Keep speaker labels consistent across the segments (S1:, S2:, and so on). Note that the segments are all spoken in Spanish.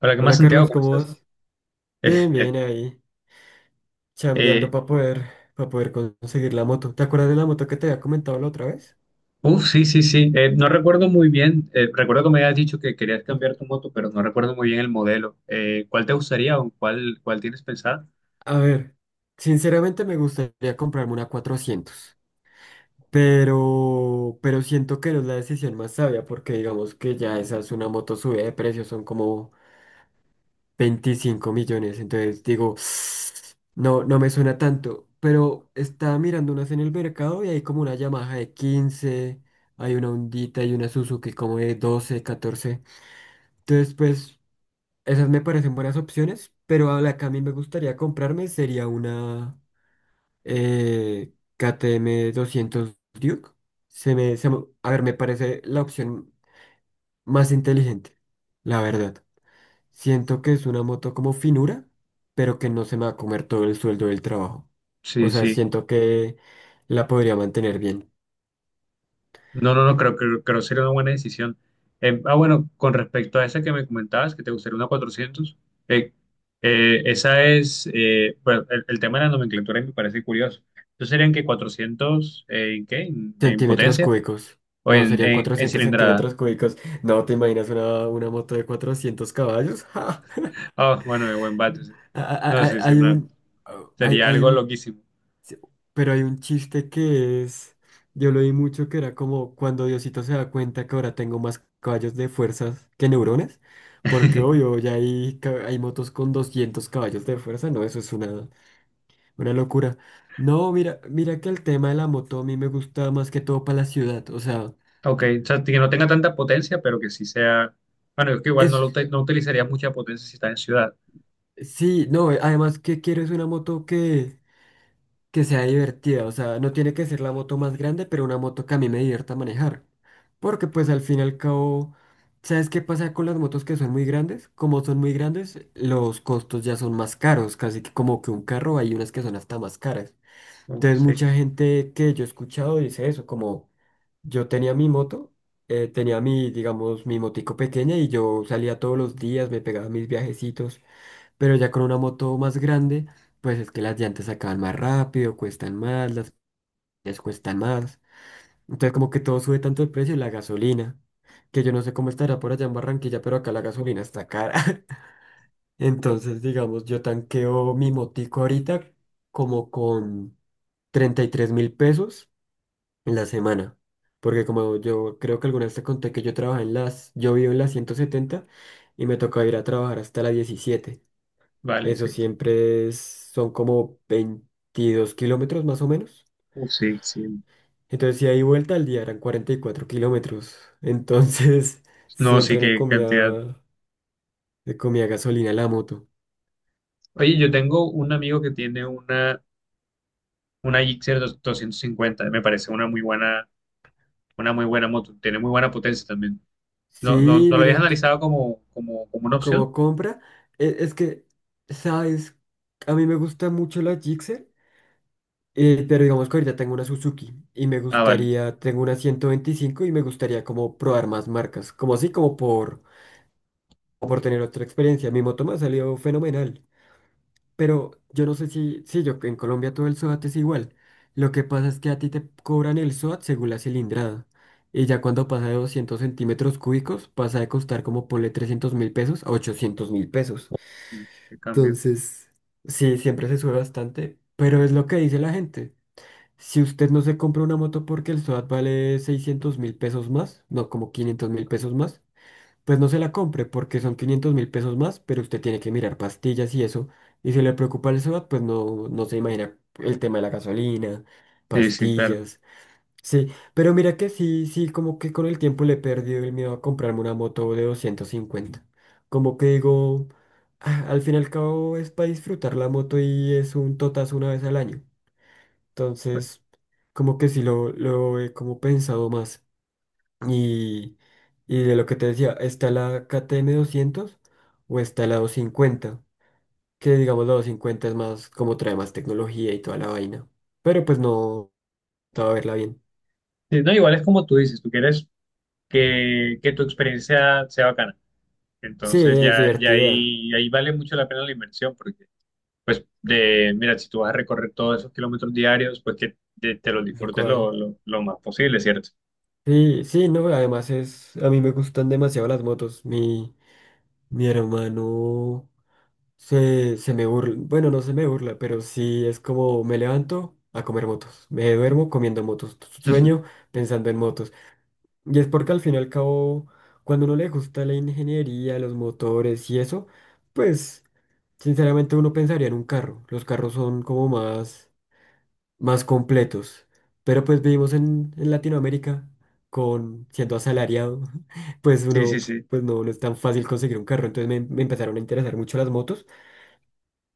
S1: Hola, ¿qué más,
S2: Hola
S1: Santiago?
S2: Carlos,
S1: ¿Cómo
S2: ¿cómo
S1: estás?
S2: vas? Bien,
S1: Eh,
S2: bien, ahí, chambeando
S1: eh,
S2: para poder conseguir la moto. ¿Te acuerdas de la moto que te había comentado la otra vez?
S1: sí, sí, sí. No recuerdo muy bien. Recuerdo que me habías dicho que querías cambiar tu moto, pero no recuerdo muy bien el modelo. ¿Cuál te gustaría o cuál tienes pensada?
S2: A ver, sinceramente me gustaría comprarme una 400, pero siento que no es la decisión más sabia porque digamos que ya esa es una moto subida de precio, son como 25 millones. Entonces digo, no, no me suena tanto, pero estaba mirando unas en el mercado y hay como una Yamaha de 15. Hay una Hondita y una Suzuki como de 12, 14. Entonces, pues, esas me parecen buenas opciones, pero a la que a mí me gustaría comprarme sería una KTM 200 Duke. A ver, me parece la opción más inteligente, la verdad. Siento que es una moto como finura, pero que no se me va a comer todo el sueldo del trabajo. O
S1: Sí,
S2: sea,
S1: sí.
S2: siento que la podría mantener bien.
S1: No, no, no, creo, que sería una buena decisión. Bueno, con respecto a esa que me comentabas, que te gustaría una 400 eh, esa es, bueno, el tema de la nomenclatura me parece curioso. ¿Entonces serían que 400 en qué? En
S2: Centímetros
S1: potencia
S2: cúbicos.
S1: o
S2: No,
S1: en,
S2: serían
S1: en
S2: 400
S1: cilindrada?
S2: centímetros cúbicos. No, ¿te imaginas una moto de 400 caballos? ¡Ja, ja!
S1: Ah, bueno, de buen bate, sí.
S2: A- a-
S1: No,
S2: a-
S1: sí, sí,
S2: Hay
S1: no.
S2: un, hay,
S1: Sería
S2: hay
S1: algo
S2: un
S1: loquísimo.
S2: sí. Pero hay un chiste que es, yo lo vi mucho, que era como cuando Diosito se da cuenta que ahora tengo más caballos de fuerzas que neuronas, porque obvio, ya hay motos con 200 caballos de fuerza. No, eso es una locura. No, mira, que el tema de la moto a mí me gusta más que todo para la ciudad, o sea,
S1: Ok, o sea, que no tenga tanta potencia, pero que sí sea. Bueno, es que igual no,
S2: es,
S1: no utilizaría mucha potencia si está en ciudad.
S2: sí, no, además que quiero es una moto que sea divertida. O sea, no tiene que ser la moto más grande, pero una moto que a mí me divierta manejar. Porque pues al fin y al cabo, ¿sabes qué pasa con las motos que son muy grandes? Como son muy grandes, los costos ya son más caros, casi que como que un carro, hay unas que son hasta más caras.
S1: Uf,
S2: Entonces
S1: sí,
S2: mucha gente que yo he escuchado dice eso, como yo tenía mi moto, tenía mi, digamos, mi motico pequeña y yo salía todos los días, me pegaba mis viajecitos. Pero ya con una moto más grande, pues es que las llantas se acaban más rápido, cuestan más, las piezas cuestan más. Entonces como que todo sube tanto el precio, la gasolina, que yo no sé cómo estará por allá en Barranquilla, pero acá la gasolina está cara. Entonces, digamos, yo tanqueo mi motico ahorita como con 33 mil pesos en la semana. Porque como yo creo que alguna vez te conté que yo trabajaba en las, yo vivo en las 170 y me toca ir a trabajar hasta la 17.
S1: vale,
S2: Eso
S1: sí.
S2: siempre es- Son como 22 kilómetros más o menos.
S1: Uf, sí, sí.
S2: Entonces, si hay vuelta al día, eran 44 kilómetros. Entonces
S1: No, sí,
S2: siempre
S1: qué cantidad.
S2: me comía gasolina la moto.
S1: Oye, yo tengo un amigo que tiene una, 250, me parece una muy buena moto. Tiene muy buena potencia también. ¿No, no, no
S2: Sí,
S1: lo habías
S2: mira,
S1: analizado como, como, como una opción?
S2: como compra, e- es, que, ¿sabes? A mí me gusta mucho la Gixxer, pero digamos que ahorita tengo una Suzuki y me
S1: Ah, vale.
S2: gustaría, tengo una 125 y me gustaría como probar más marcas, como así, como por tener otra experiencia. Mi moto me ha salido fenomenal. Pero yo no sé si, sí, yo en Colombia todo el SOAT es igual. Lo que pasa es que a ti te cobran el SOAT según la cilindrada. Y ya cuando pasa de 200 centímetros cúbicos, pasa de costar como ponle 300.000 pesos a 800.000 pesos.
S1: Sí, qué cambio.
S2: Entonces sí, siempre se sube bastante, pero es lo que dice la gente. Si usted no se compra una moto porque el SOAT vale 600.000 pesos más, no, como 500.000 pesos más, pues no se la compre porque son 500.000 pesos más, pero usted tiene que mirar pastillas y eso. Y si le preocupa el SOAT, pues no, no se imagina el tema de la gasolina,
S1: Sí, sí, claro.
S2: pastillas. Sí, pero mira que sí, sí, como que con el tiempo le he perdido el miedo a comprarme una moto de 250. Como que digo, "Ah, al fin y al cabo es para disfrutar la moto y es un totazo una vez al año". Entonces, como que sí lo he como pensado más. Y, y de lo que te decía, está la KTM 200 o está la 250, que digamos la 250 es más, como trae más tecnología y toda la vaina. Pero pues no te va a verla bien.
S1: Sí, no, igual es como tú dices, tú quieres que tu experiencia sea bacana.
S2: Sí,
S1: Entonces
S2: es
S1: ya, ya
S2: divertida,
S1: ahí, ahí vale mucho la pena la inversión, porque pues de, mira, si tú vas a recorrer todos esos kilómetros diarios, pues que te los
S2: tal
S1: disfrutes
S2: cual.
S1: lo más posible, ¿cierto?
S2: Sí, sí, no, además es, a mí me gustan demasiado las motos. Mi hermano se me burla, bueno, no se me burla, pero sí es como me levanto a comer motos, me duermo comiendo motos, sueño pensando en motos. Y es porque al fin y al cabo, cuando uno le gusta la ingeniería, los motores y eso, pues sinceramente uno pensaría en un carro. Los carros son como más, más completos. Pero pues vivimos en Latinoamérica con siendo asalariado, pues
S1: Sí, sí,
S2: uno,
S1: sí.
S2: pues no, no es tan fácil conseguir un carro. Entonces me empezaron a interesar mucho las motos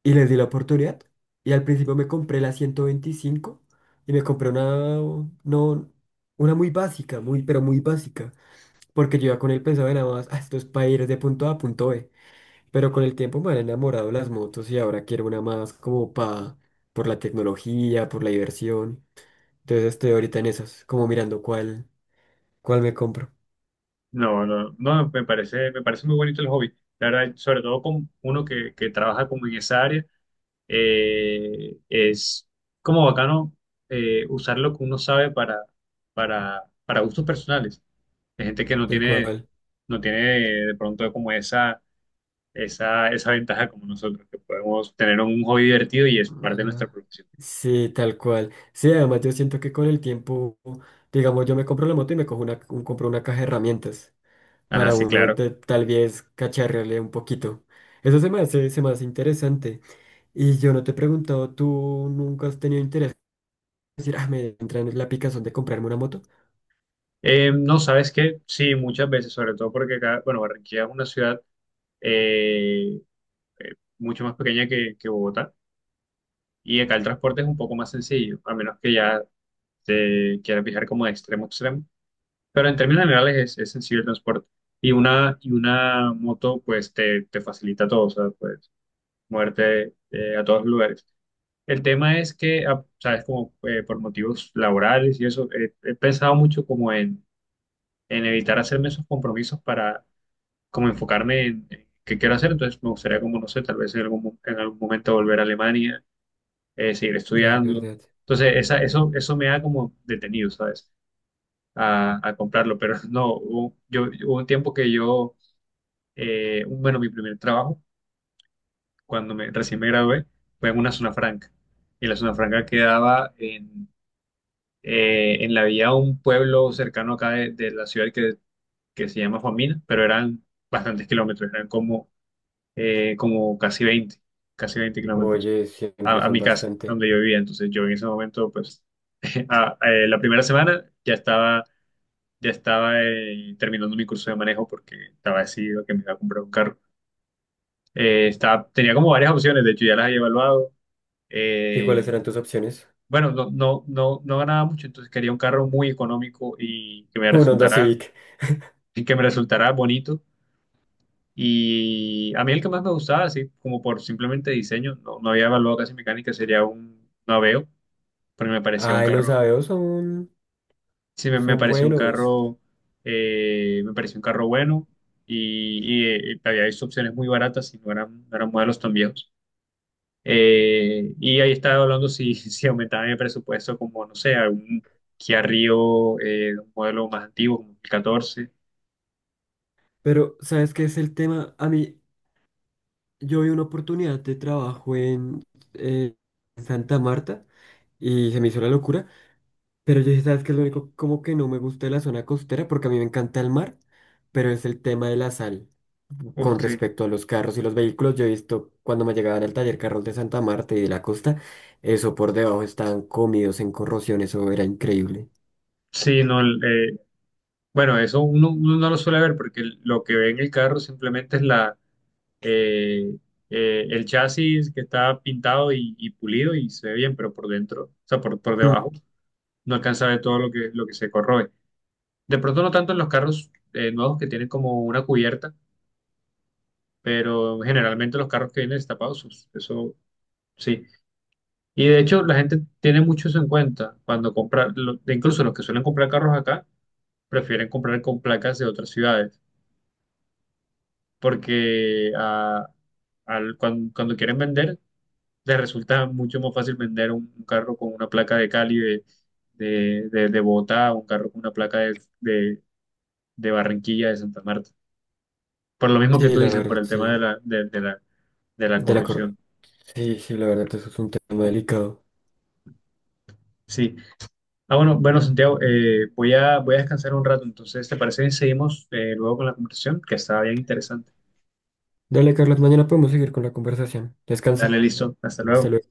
S2: y les di la oportunidad. Y al principio me compré la 125 y me compré una, no, una muy básica, muy, pero muy básica. Porque yo iba con el pensaba nada más, "Ah, esto es para ir de punto A a punto B". Pero con el tiempo me han enamorado las motos y ahora quiero una más como para, por la tecnología, por la diversión. Entonces estoy ahorita en esas, como mirando cuál, cuál me compro,
S1: No, no, no, me parece muy bonito el hobby. La verdad, sobre todo con uno que trabaja como en esa área, es como bacano usar lo que uno sabe para gustos personales. Hay gente que no
S2: tal
S1: tiene,
S2: cual.
S1: no tiene de pronto como esa ventaja como nosotros, que podemos tener un hobby divertido y es parte de nuestra
S2: Ajá.
S1: profesión.
S2: Sí, tal cual. Sí, además yo siento que con el tiempo, digamos, yo me compro la moto y me cojo una, un- compro una caja de herramientas
S1: Ah,
S2: para
S1: sí,
S2: uno
S1: claro.
S2: de, tal vez cacharrearle un poquito. Eso se me hace interesante. Y yo no te he preguntado, ¿tú nunca has tenido interés en decir, ah, me entra en la picazón de comprarme una moto?
S1: No, ¿sabes qué? Sí, muchas veces, sobre todo porque acá, bueno, Barranquilla es una ciudad eh, mucho más pequeña que Bogotá y acá el transporte es un poco más sencillo, a menos que ya te quieras viajar como de extremo a extremo. Pero en términos generales es sencillo el transporte. Y una moto, pues, te facilita todo, o sea, pues, muerte a todos los lugares. El tema es que, ah, sabes, como por motivos laborales y eso, he pensado mucho como en evitar hacerme esos compromisos para como enfocarme en qué quiero hacer. Entonces me gustaría como, no sé, tal vez en en algún momento volver a Alemania, seguir
S2: Es
S1: estudiando.
S2: verdad.
S1: Entonces esa, eso me ha como detenido, ¿sabes? A comprarlo, pero no, hubo un tiempo que yo, bueno, mi primer trabajo cuando recién me gradué, fue en una zona franca. Y la zona franca quedaba en la vía de un pueblo cercano acá de la ciudad que se llama Famina, pero eran bastantes kilómetros, eran como, como casi 20 kilómetros
S2: Oye, siempre
S1: a
S2: son
S1: mi casa,
S2: bastante.
S1: donde yo vivía. Entonces yo en ese momento, pues, la primera semana ya estaba terminando mi curso de manejo porque estaba decidido que me iba a comprar un carro. Tenía como varias opciones, de hecho ya las había evaluado.
S2: ¿Y cuáles
S1: Eh,
S2: eran tus opciones?
S1: bueno, no, no, no, no ganaba mucho, entonces quería un carro muy económico y que me
S2: Un Honda
S1: resultara,
S2: Civic.
S1: y que me resultara bonito. Y a mí el que más me gustaba, así como por simplemente diseño, no, no había evaluado casi mecánica, sería un Aveo, pero me parecía un
S2: Ay, los
S1: carro,
S2: Aveos son,
S1: sí, me
S2: son
S1: pareció un
S2: buenos.
S1: carro, me pareció un carro bueno y, y, había visto opciones muy baratas y no eran, no eran modelos tan viejos. Y ahí estaba hablando si, si aumentaban el presupuesto como, no sé, algún Kia Rio, un modelo más antiguo, como el 14.
S2: Pero ¿sabes qué es el tema? A mí, yo vi una oportunidad de trabajo en, eh, Santa Marta y se me hizo la locura. Pero yo dije, ¿sabes qué es lo único como que no me gusta de la zona costera? Porque a mí me encanta el mar, pero es el tema de la sal.
S1: Uf,
S2: Con
S1: sí.
S2: respecto a los carros y los vehículos, yo he visto cuando me llegaban al taller carros de Santa Marta y de la costa, eso por debajo estaban comidos en corrosión, eso era increíble.
S1: Sí, no, bueno, eso uno, uno no lo suele ver porque lo que ve en el carro simplemente es la, eh, el chasis que está pintado y pulido y se ve bien, pero por dentro, o sea, por debajo,
S2: Mm.
S1: no alcanza a ver todo lo que se corroe. De pronto no tanto en los carros nuevos que tienen como una cubierta, pero generalmente los carros que vienen destapados, pues, eso sí. Y de hecho la gente tiene mucho eso en cuenta cuando compra, de incluso los que suelen comprar carros acá, prefieren comprar con placas de otras ciudades, porque ah, cuando, quieren vender, les resulta mucho más fácil vender un carro con una placa de Cali, de Bogotá, un carro con una placa de, de Barranquilla, de Santa Marta. Por lo mismo que
S2: Sí,
S1: tú
S2: la
S1: dices, por
S2: verdad,
S1: el tema de
S2: sí.
S1: la, de la, de la
S2: De la cor-
S1: corrupción.
S2: Sí, sí, la verdad, eso es un tema delicado.
S1: Sí. Ah, bueno, bueno, Santiago, voy a, voy a descansar un rato, entonces, ¿te parece que seguimos luego con la conversación? Que está bien interesante.
S2: Dale, Carlos, mañana podemos seguir con la conversación.
S1: Dale,
S2: Descansa.
S1: listo, hasta
S2: Hasta
S1: luego.
S2: luego.